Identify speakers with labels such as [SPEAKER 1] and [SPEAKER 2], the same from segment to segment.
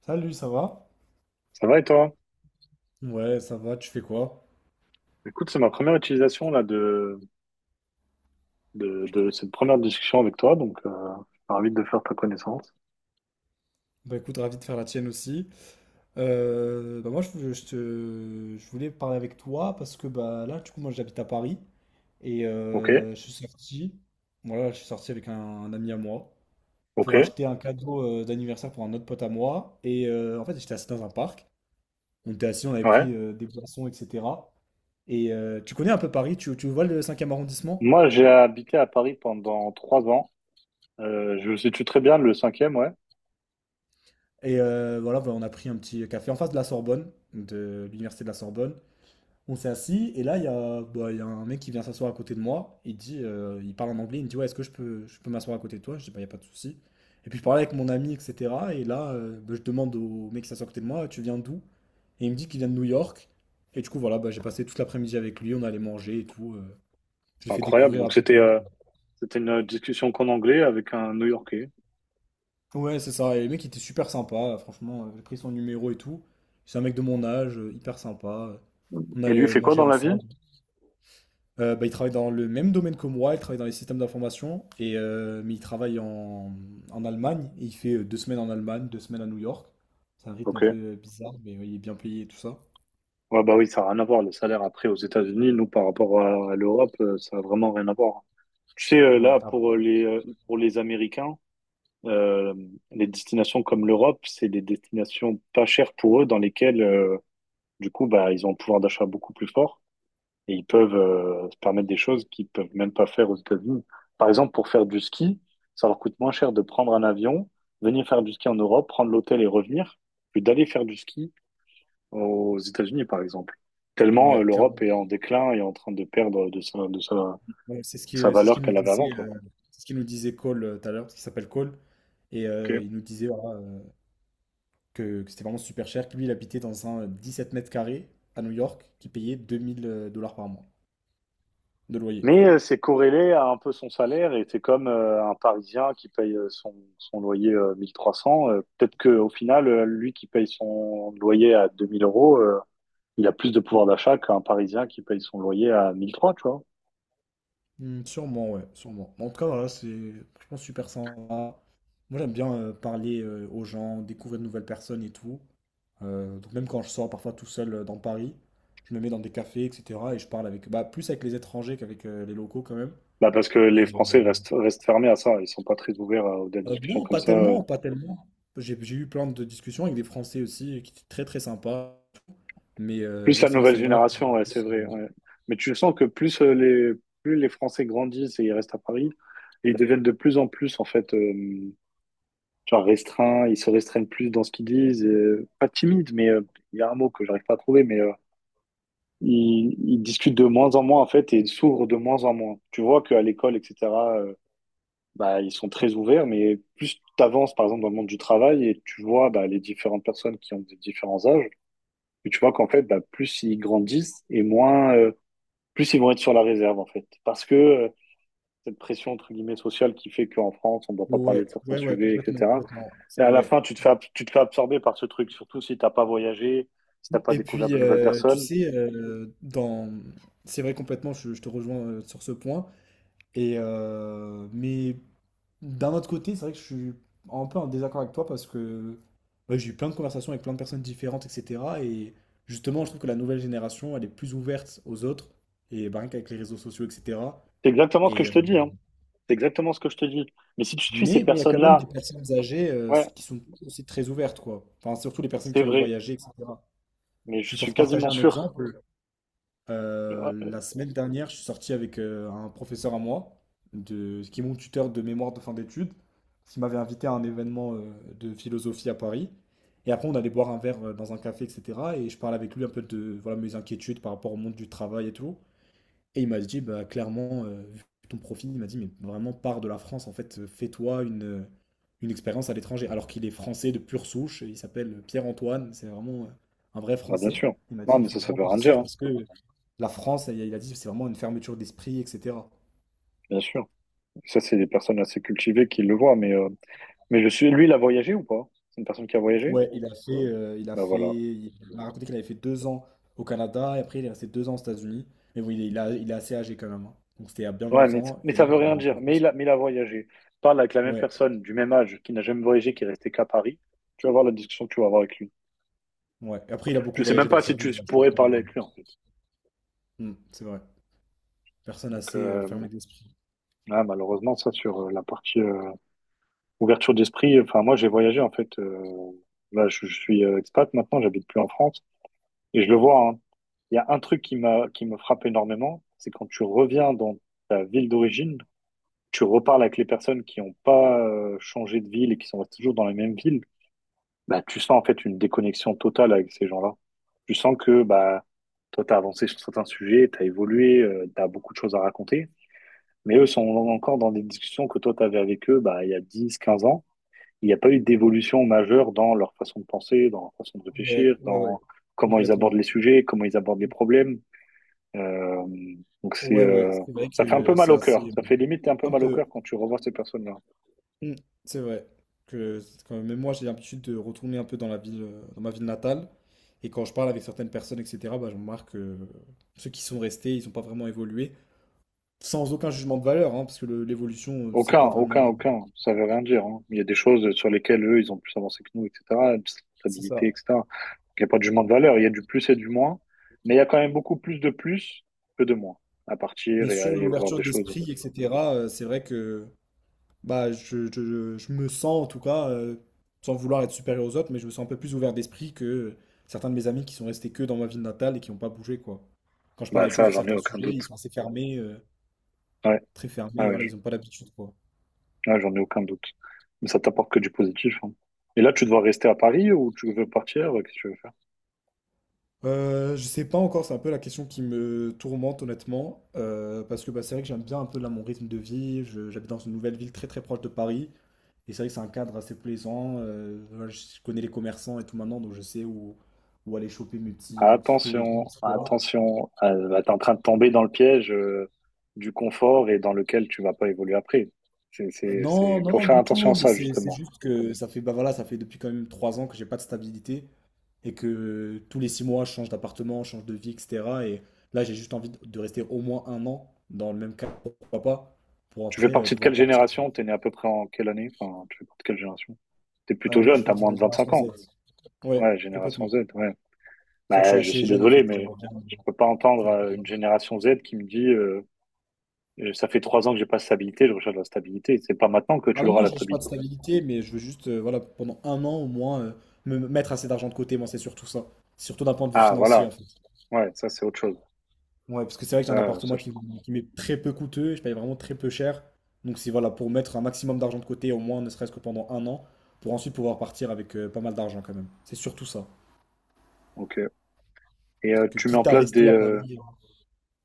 [SPEAKER 1] Salut, ça va?
[SPEAKER 2] Ça va et toi?
[SPEAKER 1] Ouais, ça va, tu fais quoi?
[SPEAKER 2] Écoute, c'est ma première utilisation là de cette première discussion avec toi, donc je suis ravi de faire ta connaissance.
[SPEAKER 1] Bah écoute, ravi de faire la tienne aussi. Bah moi, je je voulais parler avec toi parce que bah là, du coup, moi, j'habite à Paris et
[SPEAKER 2] Ok,
[SPEAKER 1] je suis sorti. Voilà, je suis sorti avec un ami à moi
[SPEAKER 2] ok,
[SPEAKER 1] pour acheter un cadeau d'anniversaire pour un autre pote à moi. Et en fait, j'étais assis dans un parc. On était assis, on avait
[SPEAKER 2] ouais.
[SPEAKER 1] pris des boissons, etc. Et tu connais un peu Paris? Tu vois le cinquième arrondissement?
[SPEAKER 2] Moi, j'ai habité à Paris pendant 3 ans. Je situe très bien le cinquième, ouais.
[SPEAKER 1] Et voilà, bah, on a pris un petit café en face de la Sorbonne, de l'université de la Sorbonne. On s'est assis et là, il y a, bah, il y a un mec qui vient s'asseoir à côté de moi. Il dit, il parle en anglais, il me dit, ouais, est-ce que je peux m'asseoir à côté de toi? Je dis, bah, il n'y a pas de souci. Et puis je parlais avec mon ami, etc. Et là, bah, je demande au mec qui s'assoit à côté de moi, tu viens d'où? Et il me dit qu'il vient de New York. Et du coup, voilà, bah, j'ai passé toute l'après-midi avec lui, on allait manger et tout. Je lui
[SPEAKER 2] C'est
[SPEAKER 1] ai fait
[SPEAKER 2] incroyable.
[SPEAKER 1] découvrir un
[SPEAKER 2] Donc
[SPEAKER 1] peu.
[SPEAKER 2] c'était une discussion qu'en anglais avec un New-Yorkais.
[SPEAKER 1] Ouais, c'est ça. Et le mec il était super sympa, franchement. J'ai pris son numéro et tout. C'est un mec de mon âge, hyper sympa. On
[SPEAKER 2] Et lui,
[SPEAKER 1] allait
[SPEAKER 2] il fait quoi
[SPEAKER 1] manger
[SPEAKER 2] dans la vie?
[SPEAKER 1] ensemble. Bah, il travaille dans le même domaine que moi, il travaille dans les systèmes d'information, mais il travaille en Allemagne. Et il fait 2 semaines en Allemagne, 2 semaines à New York. C'est un rythme un
[SPEAKER 2] Ok.
[SPEAKER 1] peu bizarre, mais ouais, il est bien payé et tout ça.
[SPEAKER 2] Ouais, bah oui, ça n'a rien à voir. Le salaire après aux États-Unis, nous, par rapport à l'Europe, ça n'a vraiment rien à voir. Tu sais,
[SPEAKER 1] Ouais,
[SPEAKER 2] là,
[SPEAKER 1] ah,
[SPEAKER 2] pour pour les Américains, euh, les destinations comme l'Europe, c'est des destinations pas chères pour eux, dans lesquelles, du coup, bah, ils ont un pouvoir d'achat beaucoup plus fort et ils peuvent se permettre des choses qu'ils peuvent même pas faire aux États-Unis. Par exemple, pour faire du ski, ça leur coûte moins cher de prendre un avion, venir faire du ski en Europe, prendre l'hôtel et revenir, que d'aller faire du ski aux États-Unis, par exemple. Tellement
[SPEAKER 1] ouais, clairement.
[SPEAKER 2] l'Europe est en déclin et en train de perdre de sa, de sa,
[SPEAKER 1] Ouais, c'est ce qui,
[SPEAKER 2] sa
[SPEAKER 1] euh, c'est ce
[SPEAKER 2] valeur
[SPEAKER 1] qu'il nous
[SPEAKER 2] qu'elle avait avant,
[SPEAKER 1] disait,
[SPEAKER 2] quoi.
[SPEAKER 1] c'est ce qu'il nous disait Cole tout à l'heure, parce qu'il s'appelle Cole. Et
[SPEAKER 2] Ok.
[SPEAKER 1] il nous disait, voilà, que c'était vraiment super cher, que lui, il habitait dans un 17 mètres carrés à New York, qui payait 2000 dollars par mois de loyer.
[SPEAKER 2] Mais c'est corrélé à un peu son salaire et c'est comme un Parisien qui paye son loyer 1300. Peut-être qu'au final, lui qui paye son loyer à 2000 euros, il a plus de pouvoir d'achat qu'un Parisien qui paye son loyer à 1300, tu vois.
[SPEAKER 1] Hmm, sûrement, ouais, sûrement. En tout cas, voilà, c'est franchement super sympa. Moi, j'aime bien parler aux gens, découvrir de nouvelles personnes et tout. Donc, même quand je sors parfois tout seul dans Paris, je me mets dans des cafés, etc. Et je parle avec, bah, plus avec les étrangers qu'avec les locaux quand même.
[SPEAKER 2] Bah parce que
[SPEAKER 1] Et
[SPEAKER 2] les
[SPEAKER 1] euh,
[SPEAKER 2] Français restent fermés à ça. Ils sont pas très ouverts à des discussions
[SPEAKER 1] non,
[SPEAKER 2] comme
[SPEAKER 1] pas
[SPEAKER 2] ça.
[SPEAKER 1] tellement, pas tellement. J'ai eu plein de discussions avec des Français aussi qui étaient très très sympas. Mais
[SPEAKER 2] Plus
[SPEAKER 1] ouais,
[SPEAKER 2] la
[SPEAKER 1] c'est vrai que
[SPEAKER 2] nouvelle
[SPEAKER 1] c'est moi
[SPEAKER 2] génération, ouais, c'est vrai. Ouais. Mais tu sens que plus les Français grandissent et ils restent à Paris, et ils deviennent de plus en plus, en fait, genre restreints, ils se restreignent plus dans ce qu'ils disent. Pas timides, mais il y a un mot que j'arrive pas à trouver, mais ils discutent de moins en moins, en fait, et ils s'ouvrent de moins en moins. Tu vois qu'à l'école, etc., euh, bah, ils sont très ouverts, mais plus tu avances, par exemple, dans le monde du travail, et tu vois bah, les différentes personnes qui ont des différents âges, et tu vois qu'en fait, bah, plus ils grandissent et moins. Plus ils vont être sur la réserve, en fait. Parce que cette pression, entre guillemets, sociale qui fait qu'en France, on ne doit pas parler
[SPEAKER 1] ouais,
[SPEAKER 2] de certains
[SPEAKER 1] ouais, ouais,
[SPEAKER 2] sujets,
[SPEAKER 1] complètement,
[SPEAKER 2] etc.
[SPEAKER 1] complètement,
[SPEAKER 2] Et
[SPEAKER 1] c'est
[SPEAKER 2] à la
[SPEAKER 1] vrai.
[SPEAKER 2] fin, tu te fais absorber par ce truc, surtout si tu n'as pas voyagé, si tu n'as pas
[SPEAKER 1] Et
[SPEAKER 2] découvert
[SPEAKER 1] puis,
[SPEAKER 2] de nouvelles
[SPEAKER 1] tu
[SPEAKER 2] personnes.
[SPEAKER 1] sais, dans c'est vrai complètement, je te rejoins, sur ce point mais d'un autre côté, c'est vrai que je suis un peu en désaccord avec toi parce que, bah, j'ai eu plein de conversations avec plein de personnes différentes et cetera et justement, je trouve que la nouvelle génération, elle est plus ouverte aux autres et bah, rien qu'avec les réseaux sociaux et cetera
[SPEAKER 2] C'est exactement ce que
[SPEAKER 1] et
[SPEAKER 2] je
[SPEAKER 1] heu
[SPEAKER 2] te dis, hein. C'est exactement ce que je te dis. Mais si tu suis ces
[SPEAKER 1] mais il y a quand même des
[SPEAKER 2] personnes-là,
[SPEAKER 1] personnes âgées,
[SPEAKER 2] ouais,
[SPEAKER 1] qui sont aussi très ouvertes, quoi. Enfin, surtout les personnes
[SPEAKER 2] c'est
[SPEAKER 1] qui ont
[SPEAKER 2] vrai.
[SPEAKER 1] voyagé, etc.
[SPEAKER 2] Mais je
[SPEAKER 1] Puis pour
[SPEAKER 2] suis
[SPEAKER 1] te partager
[SPEAKER 2] quasiment
[SPEAKER 1] un
[SPEAKER 2] sûr.
[SPEAKER 1] exemple,
[SPEAKER 2] Ouais,
[SPEAKER 1] la
[SPEAKER 2] euh,
[SPEAKER 1] semaine dernière, je suis sorti avec un professeur à moi, qui est mon tuteur de mémoire de fin d'études, qui m'avait invité à un événement de philosophie à Paris. Et après, on allait boire un verre dans un café, etc. Et je parlais avec lui un peu de voilà, mes inquiétudes par rapport au monde du travail et tout. Et il m'a dit, bah, clairement, vu ton profil, il m'a dit, mais vraiment, pars de la France, en fait, fais-toi une expérience à l'étranger. Alors qu'il est français de pure souche, il s'appelle Pierre-Antoine, c'est vraiment un vrai
[SPEAKER 2] bah, bien
[SPEAKER 1] français.
[SPEAKER 2] sûr.
[SPEAKER 1] Il m'a
[SPEAKER 2] Non,
[SPEAKER 1] dit, il
[SPEAKER 2] mais
[SPEAKER 1] faut-
[SPEAKER 2] ça veut rien dire, hein.
[SPEAKER 1] La France, il a dit, c'est vraiment une fermeture d'esprit, etc.
[SPEAKER 2] Bien sûr. Ça, c'est des personnes assez cultivées qui le voient, mais je suis, lui, il a voyagé ou pas? C'est une personne qui a voyagé?
[SPEAKER 1] Ouais,
[SPEAKER 2] Ben voilà.
[SPEAKER 1] il m'a raconté qu'il avait fait 2 ans au Canada, et après, il est resté 2 ans aux États-Unis. Mais bon, il est assez âgé quand même, hein. Donc, c'était il y a bien
[SPEAKER 2] Ouais, mais,
[SPEAKER 1] longtemps,
[SPEAKER 2] mais
[SPEAKER 1] et
[SPEAKER 2] ça
[SPEAKER 1] là,
[SPEAKER 2] veut
[SPEAKER 1] il est
[SPEAKER 2] rien
[SPEAKER 1] rentré
[SPEAKER 2] dire.
[SPEAKER 1] en
[SPEAKER 2] Mais
[SPEAKER 1] France.
[SPEAKER 2] il a, mais il a voyagé. Parle avec la même
[SPEAKER 1] Ouais,
[SPEAKER 2] personne du même âge qui n'a jamais voyagé, qui est restée qu'à Paris. Tu vas voir la discussion que tu vas avoir avec lui.
[SPEAKER 1] ouais. Et après, il a
[SPEAKER 2] Je
[SPEAKER 1] beaucoup
[SPEAKER 2] sais même
[SPEAKER 1] voyagé dans
[SPEAKER 2] pas
[SPEAKER 1] sa
[SPEAKER 2] si tu
[SPEAKER 1] vie, ouais, je trouve
[SPEAKER 2] pourrais
[SPEAKER 1] ça,
[SPEAKER 2] parler
[SPEAKER 1] ouais.
[SPEAKER 2] avec lui, en fait.
[SPEAKER 1] Hmm, c'est vrai. Personne
[SPEAKER 2] Donc,
[SPEAKER 1] assez fermée d'esprit.
[SPEAKER 2] ouais, malheureusement, ça, sur la partie ouverture d'esprit, enfin, moi, j'ai voyagé, en fait. Là, je suis expat maintenant, j'habite plus en France. Et je le vois, hein. Il y a un truc qui me frappe énormément, c'est quand tu reviens dans ta ville d'origine, tu reparles avec les personnes qui n'ont pas changé de ville et qui sont toujours dans la même ville. Bah, tu sens en fait une déconnexion totale avec ces gens-là. Tu sens que bah, toi, tu as avancé sur certains sujets, tu as évolué, tu as beaucoup de choses à raconter, mais eux sont encore dans des discussions que toi, tu avais avec eux bah, il y a 10, 15 ans. Il n'y a pas eu d'évolution majeure dans leur façon de penser, dans leur façon de
[SPEAKER 1] Ouais,
[SPEAKER 2] réfléchir,
[SPEAKER 1] ouais, ouais,
[SPEAKER 2] dans comment ils abordent
[SPEAKER 1] complètement.
[SPEAKER 2] les sujets, comment ils abordent les problèmes. Euh, donc c'est,
[SPEAKER 1] Ouais, ouais,
[SPEAKER 2] euh,
[SPEAKER 1] c'est vrai
[SPEAKER 2] ça fait un peu
[SPEAKER 1] que
[SPEAKER 2] mal
[SPEAKER 1] c'est
[SPEAKER 2] au
[SPEAKER 1] assez.
[SPEAKER 2] cœur. Ça fait limite un
[SPEAKER 1] euh,
[SPEAKER 2] peu
[SPEAKER 1] un
[SPEAKER 2] mal au
[SPEAKER 1] peu.
[SPEAKER 2] cœur quand tu revois ces personnes-là.
[SPEAKER 1] Mm. C'est vrai que c'est quand même moi, j'ai l'habitude de retourner un peu dans la ville, dans ma ville natale. Et quand je parle avec certaines personnes, etc., bah, je remarque que ceux qui sont restés, ils n'ont pas vraiment évolué. Sans aucun jugement de valeur, hein, parce que l'évolution, c'est
[SPEAKER 2] Aucun,
[SPEAKER 1] pas vraiment.
[SPEAKER 2] aucun, aucun. Ça veut rien dire. Hein. Il y a des choses sur lesquelles eux, ils ont plus avancé que nous, etc. De
[SPEAKER 1] C'est
[SPEAKER 2] stabilité,
[SPEAKER 1] ça.
[SPEAKER 2] etc. Donc, il n'y a pas de jugement de valeur. Il y a du plus et du moins. Mais il y a quand même beaucoup plus de plus que de moins à partir
[SPEAKER 1] Mais
[SPEAKER 2] et à
[SPEAKER 1] sur
[SPEAKER 2] aller voir
[SPEAKER 1] l'ouverture
[SPEAKER 2] des choses.
[SPEAKER 1] d'esprit, etc., c'est vrai que. Bah, je me sens en tout cas, sans vouloir être supérieur aux autres, mais je me sens un peu plus ouvert d'esprit que certains de mes amis qui sont restés que dans ma ville natale et qui n'ont pas bougé, quoi. Quand je parle
[SPEAKER 2] Bah
[SPEAKER 1] avec eux
[SPEAKER 2] ça,
[SPEAKER 1] sur
[SPEAKER 2] j'en ai
[SPEAKER 1] certains
[SPEAKER 2] aucun
[SPEAKER 1] sujets,
[SPEAKER 2] doute.
[SPEAKER 1] ils sont assez fermés,
[SPEAKER 2] Ouais,
[SPEAKER 1] très fermés,
[SPEAKER 2] ouais,
[SPEAKER 1] et voilà, ils
[SPEAKER 2] ouais,
[SPEAKER 1] n'ont pas l'habitude, quoi.
[SPEAKER 2] ouais, j'en ai aucun doute. Mais ça t'apporte que du positif. Hein. Et là, tu dois rester à Paris ou tu veux partir? Qu'est-ce que tu veux?
[SPEAKER 1] Je sais pas encore, c'est un peu la question qui me tourmente honnêtement, parce que bah, c'est vrai que j'aime bien un peu là mon rythme de vie, j'habite dans une nouvelle ville très très proche de Paris, et c'est vrai que c'est un cadre assez plaisant, voilà, je connais les commerçants et tout maintenant, donc je sais où aller choper mes petits fruits et légumes,
[SPEAKER 2] Attention,
[SPEAKER 1] etc.
[SPEAKER 2] attention, là, t'es en train de tomber dans le piège du confort et dans lequel tu vas pas évoluer après. C'est, c'est,
[SPEAKER 1] Non,
[SPEAKER 2] c'est,
[SPEAKER 1] non,
[SPEAKER 2] faut
[SPEAKER 1] non,
[SPEAKER 2] faire
[SPEAKER 1] du
[SPEAKER 2] attention à
[SPEAKER 1] tout, mais
[SPEAKER 2] ça,
[SPEAKER 1] c'est
[SPEAKER 2] justement.
[SPEAKER 1] juste que ça fait, bah voilà, ça fait depuis quand même 3 ans que j'ai pas de stabilité, et que tous les 6 mois, je change d'appartement, je change de vie, etc. Et là, j'ai juste envie de rester au moins 1 an dans le même cadre, pourquoi pas, pour
[SPEAKER 2] Tu fais
[SPEAKER 1] après
[SPEAKER 2] partie de
[SPEAKER 1] pouvoir
[SPEAKER 2] quelle
[SPEAKER 1] partir.
[SPEAKER 2] génération? T'es né à peu près en quelle année? Enfin, tu fais partie de quelle génération? T'es plutôt
[SPEAKER 1] Moi, je
[SPEAKER 2] jeune,
[SPEAKER 1] suis
[SPEAKER 2] t'as
[SPEAKER 1] parti de
[SPEAKER 2] moins
[SPEAKER 1] la
[SPEAKER 2] de 25
[SPEAKER 1] génération Z.
[SPEAKER 2] ans.
[SPEAKER 1] Ouais,
[SPEAKER 2] Ouais,
[SPEAKER 1] complètement.
[SPEAKER 2] génération Z, ouais.
[SPEAKER 1] C'est vrai que je
[SPEAKER 2] Bah, je
[SPEAKER 1] suis
[SPEAKER 2] suis
[SPEAKER 1] assez jeune, en
[SPEAKER 2] désolé,
[SPEAKER 1] fait.
[SPEAKER 2] mais
[SPEAKER 1] J'aimerais bien,
[SPEAKER 2] je peux pas entendre
[SPEAKER 1] faire-
[SPEAKER 2] une génération Z qui me dit, ça fait 3 ans que j'ai pas de stabilité, je recherche la stabilité. C'est pas maintenant que
[SPEAKER 1] Ah
[SPEAKER 2] tu
[SPEAKER 1] non,
[SPEAKER 2] l'auras
[SPEAKER 1] non,
[SPEAKER 2] la
[SPEAKER 1] je cherche pas de
[SPEAKER 2] stabilité.
[SPEAKER 1] stabilité, mais je veux juste, voilà, pendant 1 an au moins, me mettre assez d'argent de côté, moi, c'est surtout ça. Surtout d'un point de vue
[SPEAKER 2] Ah,
[SPEAKER 1] financier, en
[SPEAKER 2] voilà.
[SPEAKER 1] fait.
[SPEAKER 2] Ouais, ça, c'est autre chose.
[SPEAKER 1] Ouais, parce que c'est vrai que j'ai un
[SPEAKER 2] Ça,
[SPEAKER 1] appartement
[SPEAKER 2] je te
[SPEAKER 1] qui,
[SPEAKER 2] comprends.
[SPEAKER 1] qui m'est très peu coûteux, je paye vraiment très peu cher. Donc c'est voilà, pour mettre un maximum d'argent de côté, au moins ne serait-ce que pendant 1 an, pour ensuite pouvoir partir avec pas mal d'argent quand même. C'est surtout ça.
[SPEAKER 2] Ok. Et
[SPEAKER 1] Parce que
[SPEAKER 2] tu mets en
[SPEAKER 1] quitte à
[SPEAKER 2] place des,
[SPEAKER 1] rester à Paris,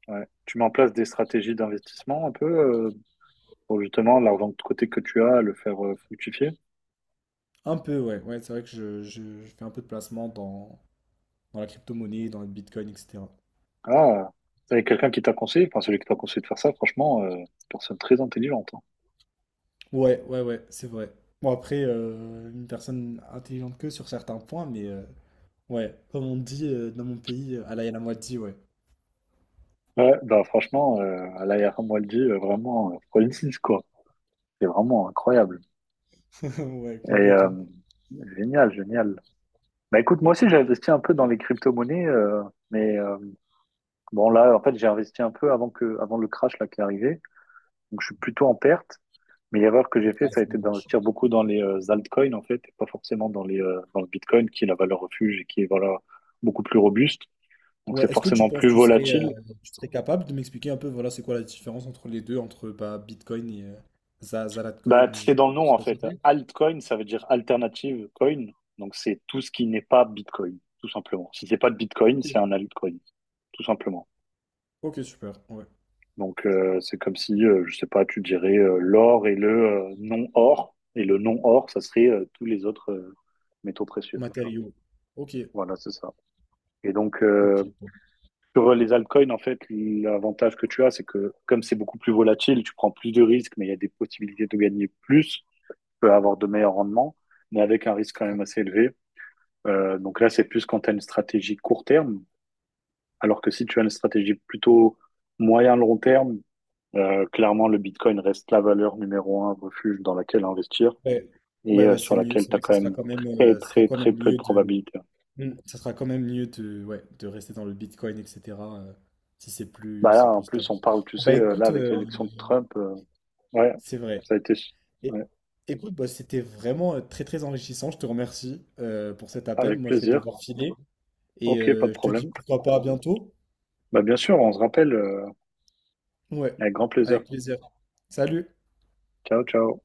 [SPEAKER 2] ouais, tu mets en place des stratégies d'investissement un peu pour justement l'argent de côté que tu as, le faire fructifier.
[SPEAKER 1] un peu, ouais, ouais, c'est vrai que je fais un peu de placement dans la crypto-monnaie, dans le Bitcoin, etc.
[SPEAKER 2] Ah, ça avec quelqu'un qui t'a conseillé, enfin celui qui t'a conseillé de faire ça, franchement, c'est une personne très intelligente. Hein.
[SPEAKER 1] Ouais, ouais, ouais, c'est vrai. Bon, après, une personne intelligente que sur certains points, mais ouais, comme on dit dans mon pays, à la moitié, ouais.
[SPEAKER 2] Ouais, bah franchement, à l'ARM Waldi, vraiment, Francis, quoi. C'est vraiment incroyable.
[SPEAKER 1] Ouais,
[SPEAKER 2] Et
[SPEAKER 1] complètement.
[SPEAKER 2] génial, génial. Bah écoute, moi aussi j'ai investi un peu dans les crypto-monnaies, mais bon là, en fait, j'ai investi un peu avant le crash là qui est arrivé. Donc, je suis plutôt en perte. Mais l'erreur que j'ai fait, ça a été d'investir beaucoup dans les altcoins, en fait, et pas forcément dans le Bitcoin, qui est la valeur refuge et qui est, voilà, beaucoup plus robuste. Donc,
[SPEAKER 1] Ouais,
[SPEAKER 2] c'est
[SPEAKER 1] est-ce que tu
[SPEAKER 2] forcément
[SPEAKER 1] penses
[SPEAKER 2] plus
[SPEAKER 1] que
[SPEAKER 2] volatile.
[SPEAKER 1] tu serais capable de m'expliquer un peu, voilà, c'est quoi la différence entre les deux, entre bah, Bitcoin et
[SPEAKER 2] Bah,
[SPEAKER 1] Zalatcoin
[SPEAKER 2] c'est
[SPEAKER 1] ou...
[SPEAKER 2] dans le nom, en fait. Altcoin, ça veut dire alternative coin. Donc, c'est tout ce qui n'est pas Bitcoin, tout simplement. Si c'est pas de Bitcoin, c'est un altcoin, tout simplement.
[SPEAKER 1] Ok, super, ouais.
[SPEAKER 2] Donc, c'est comme si, je sais pas, tu dirais l'or et le non-or. Et le non-or, ça serait tous les autres métaux précieux, tu vois.
[SPEAKER 1] Matériaux. Ok,
[SPEAKER 2] Voilà, c'est ça. Et donc,
[SPEAKER 1] ok. Bon.
[SPEAKER 2] sur les altcoins, en fait, l'avantage que tu as, c'est que comme c'est beaucoup plus volatile, tu prends plus de risques, mais il y a des possibilités de gagner plus, tu peux avoir de meilleurs rendements, mais avec un risque quand même assez élevé. Donc là, c'est plus quand tu as une stratégie court terme, alors que si tu as une stratégie plutôt moyen-long terme, clairement, le Bitcoin reste la valeur numéro un, refuge dans laquelle investir
[SPEAKER 1] Ouais,
[SPEAKER 2] et
[SPEAKER 1] ouais, ouais,
[SPEAKER 2] sur
[SPEAKER 1] c'est mieux.
[SPEAKER 2] laquelle
[SPEAKER 1] C'est
[SPEAKER 2] tu as
[SPEAKER 1] vrai que
[SPEAKER 2] quand
[SPEAKER 1] ça sera
[SPEAKER 2] même
[SPEAKER 1] quand même,
[SPEAKER 2] très,
[SPEAKER 1] ça sera
[SPEAKER 2] très,
[SPEAKER 1] quand
[SPEAKER 2] très
[SPEAKER 1] même
[SPEAKER 2] peu de
[SPEAKER 1] mieux de,
[SPEAKER 2] probabilités.
[SPEAKER 1] Hmm, ça sera quand même mieux de, ouais, de rester dans le Bitcoin, etc. euh, Si c'est plus,
[SPEAKER 2] Bah là,
[SPEAKER 1] c'est
[SPEAKER 2] en
[SPEAKER 1] plus stable.
[SPEAKER 2] plus, on parle, tu
[SPEAKER 1] Bah
[SPEAKER 2] sais, là,
[SPEAKER 1] écoute,
[SPEAKER 2] avec l'élection de Trump, ouais,
[SPEAKER 1] c'est vrai.
[SPEAKER 2] ça a été,
[SPEAKER 1] Et-
[SPEAKER 2] ouais,
[SPEAKER 1] Écoute, bah, c'était vraiment très très enrichissant. Je te remercie pour cet appel.
[SPEAKER 2] avec
[SPEAKER 1] Moi, je vais
[SPEAKER 2] plaisir.
[SPEAKER 1] devoir filer. Et
[SPEAKER 2] Ok, pas de
[SPEAKER 1] je te dis
[SPEAKER 2] problème.
[SPEAKER 1] pourquoi pas à bientôt.
[SPEAKER 2] Bah, bien sûr, on se rappelle
[SPEAKER 1] Ouais,
[SPEAKER 2] avec grand plaisir.
[SPEAKER 1] avec plaisir. Salut!
[SPEAKER 2] Ciao, ciao.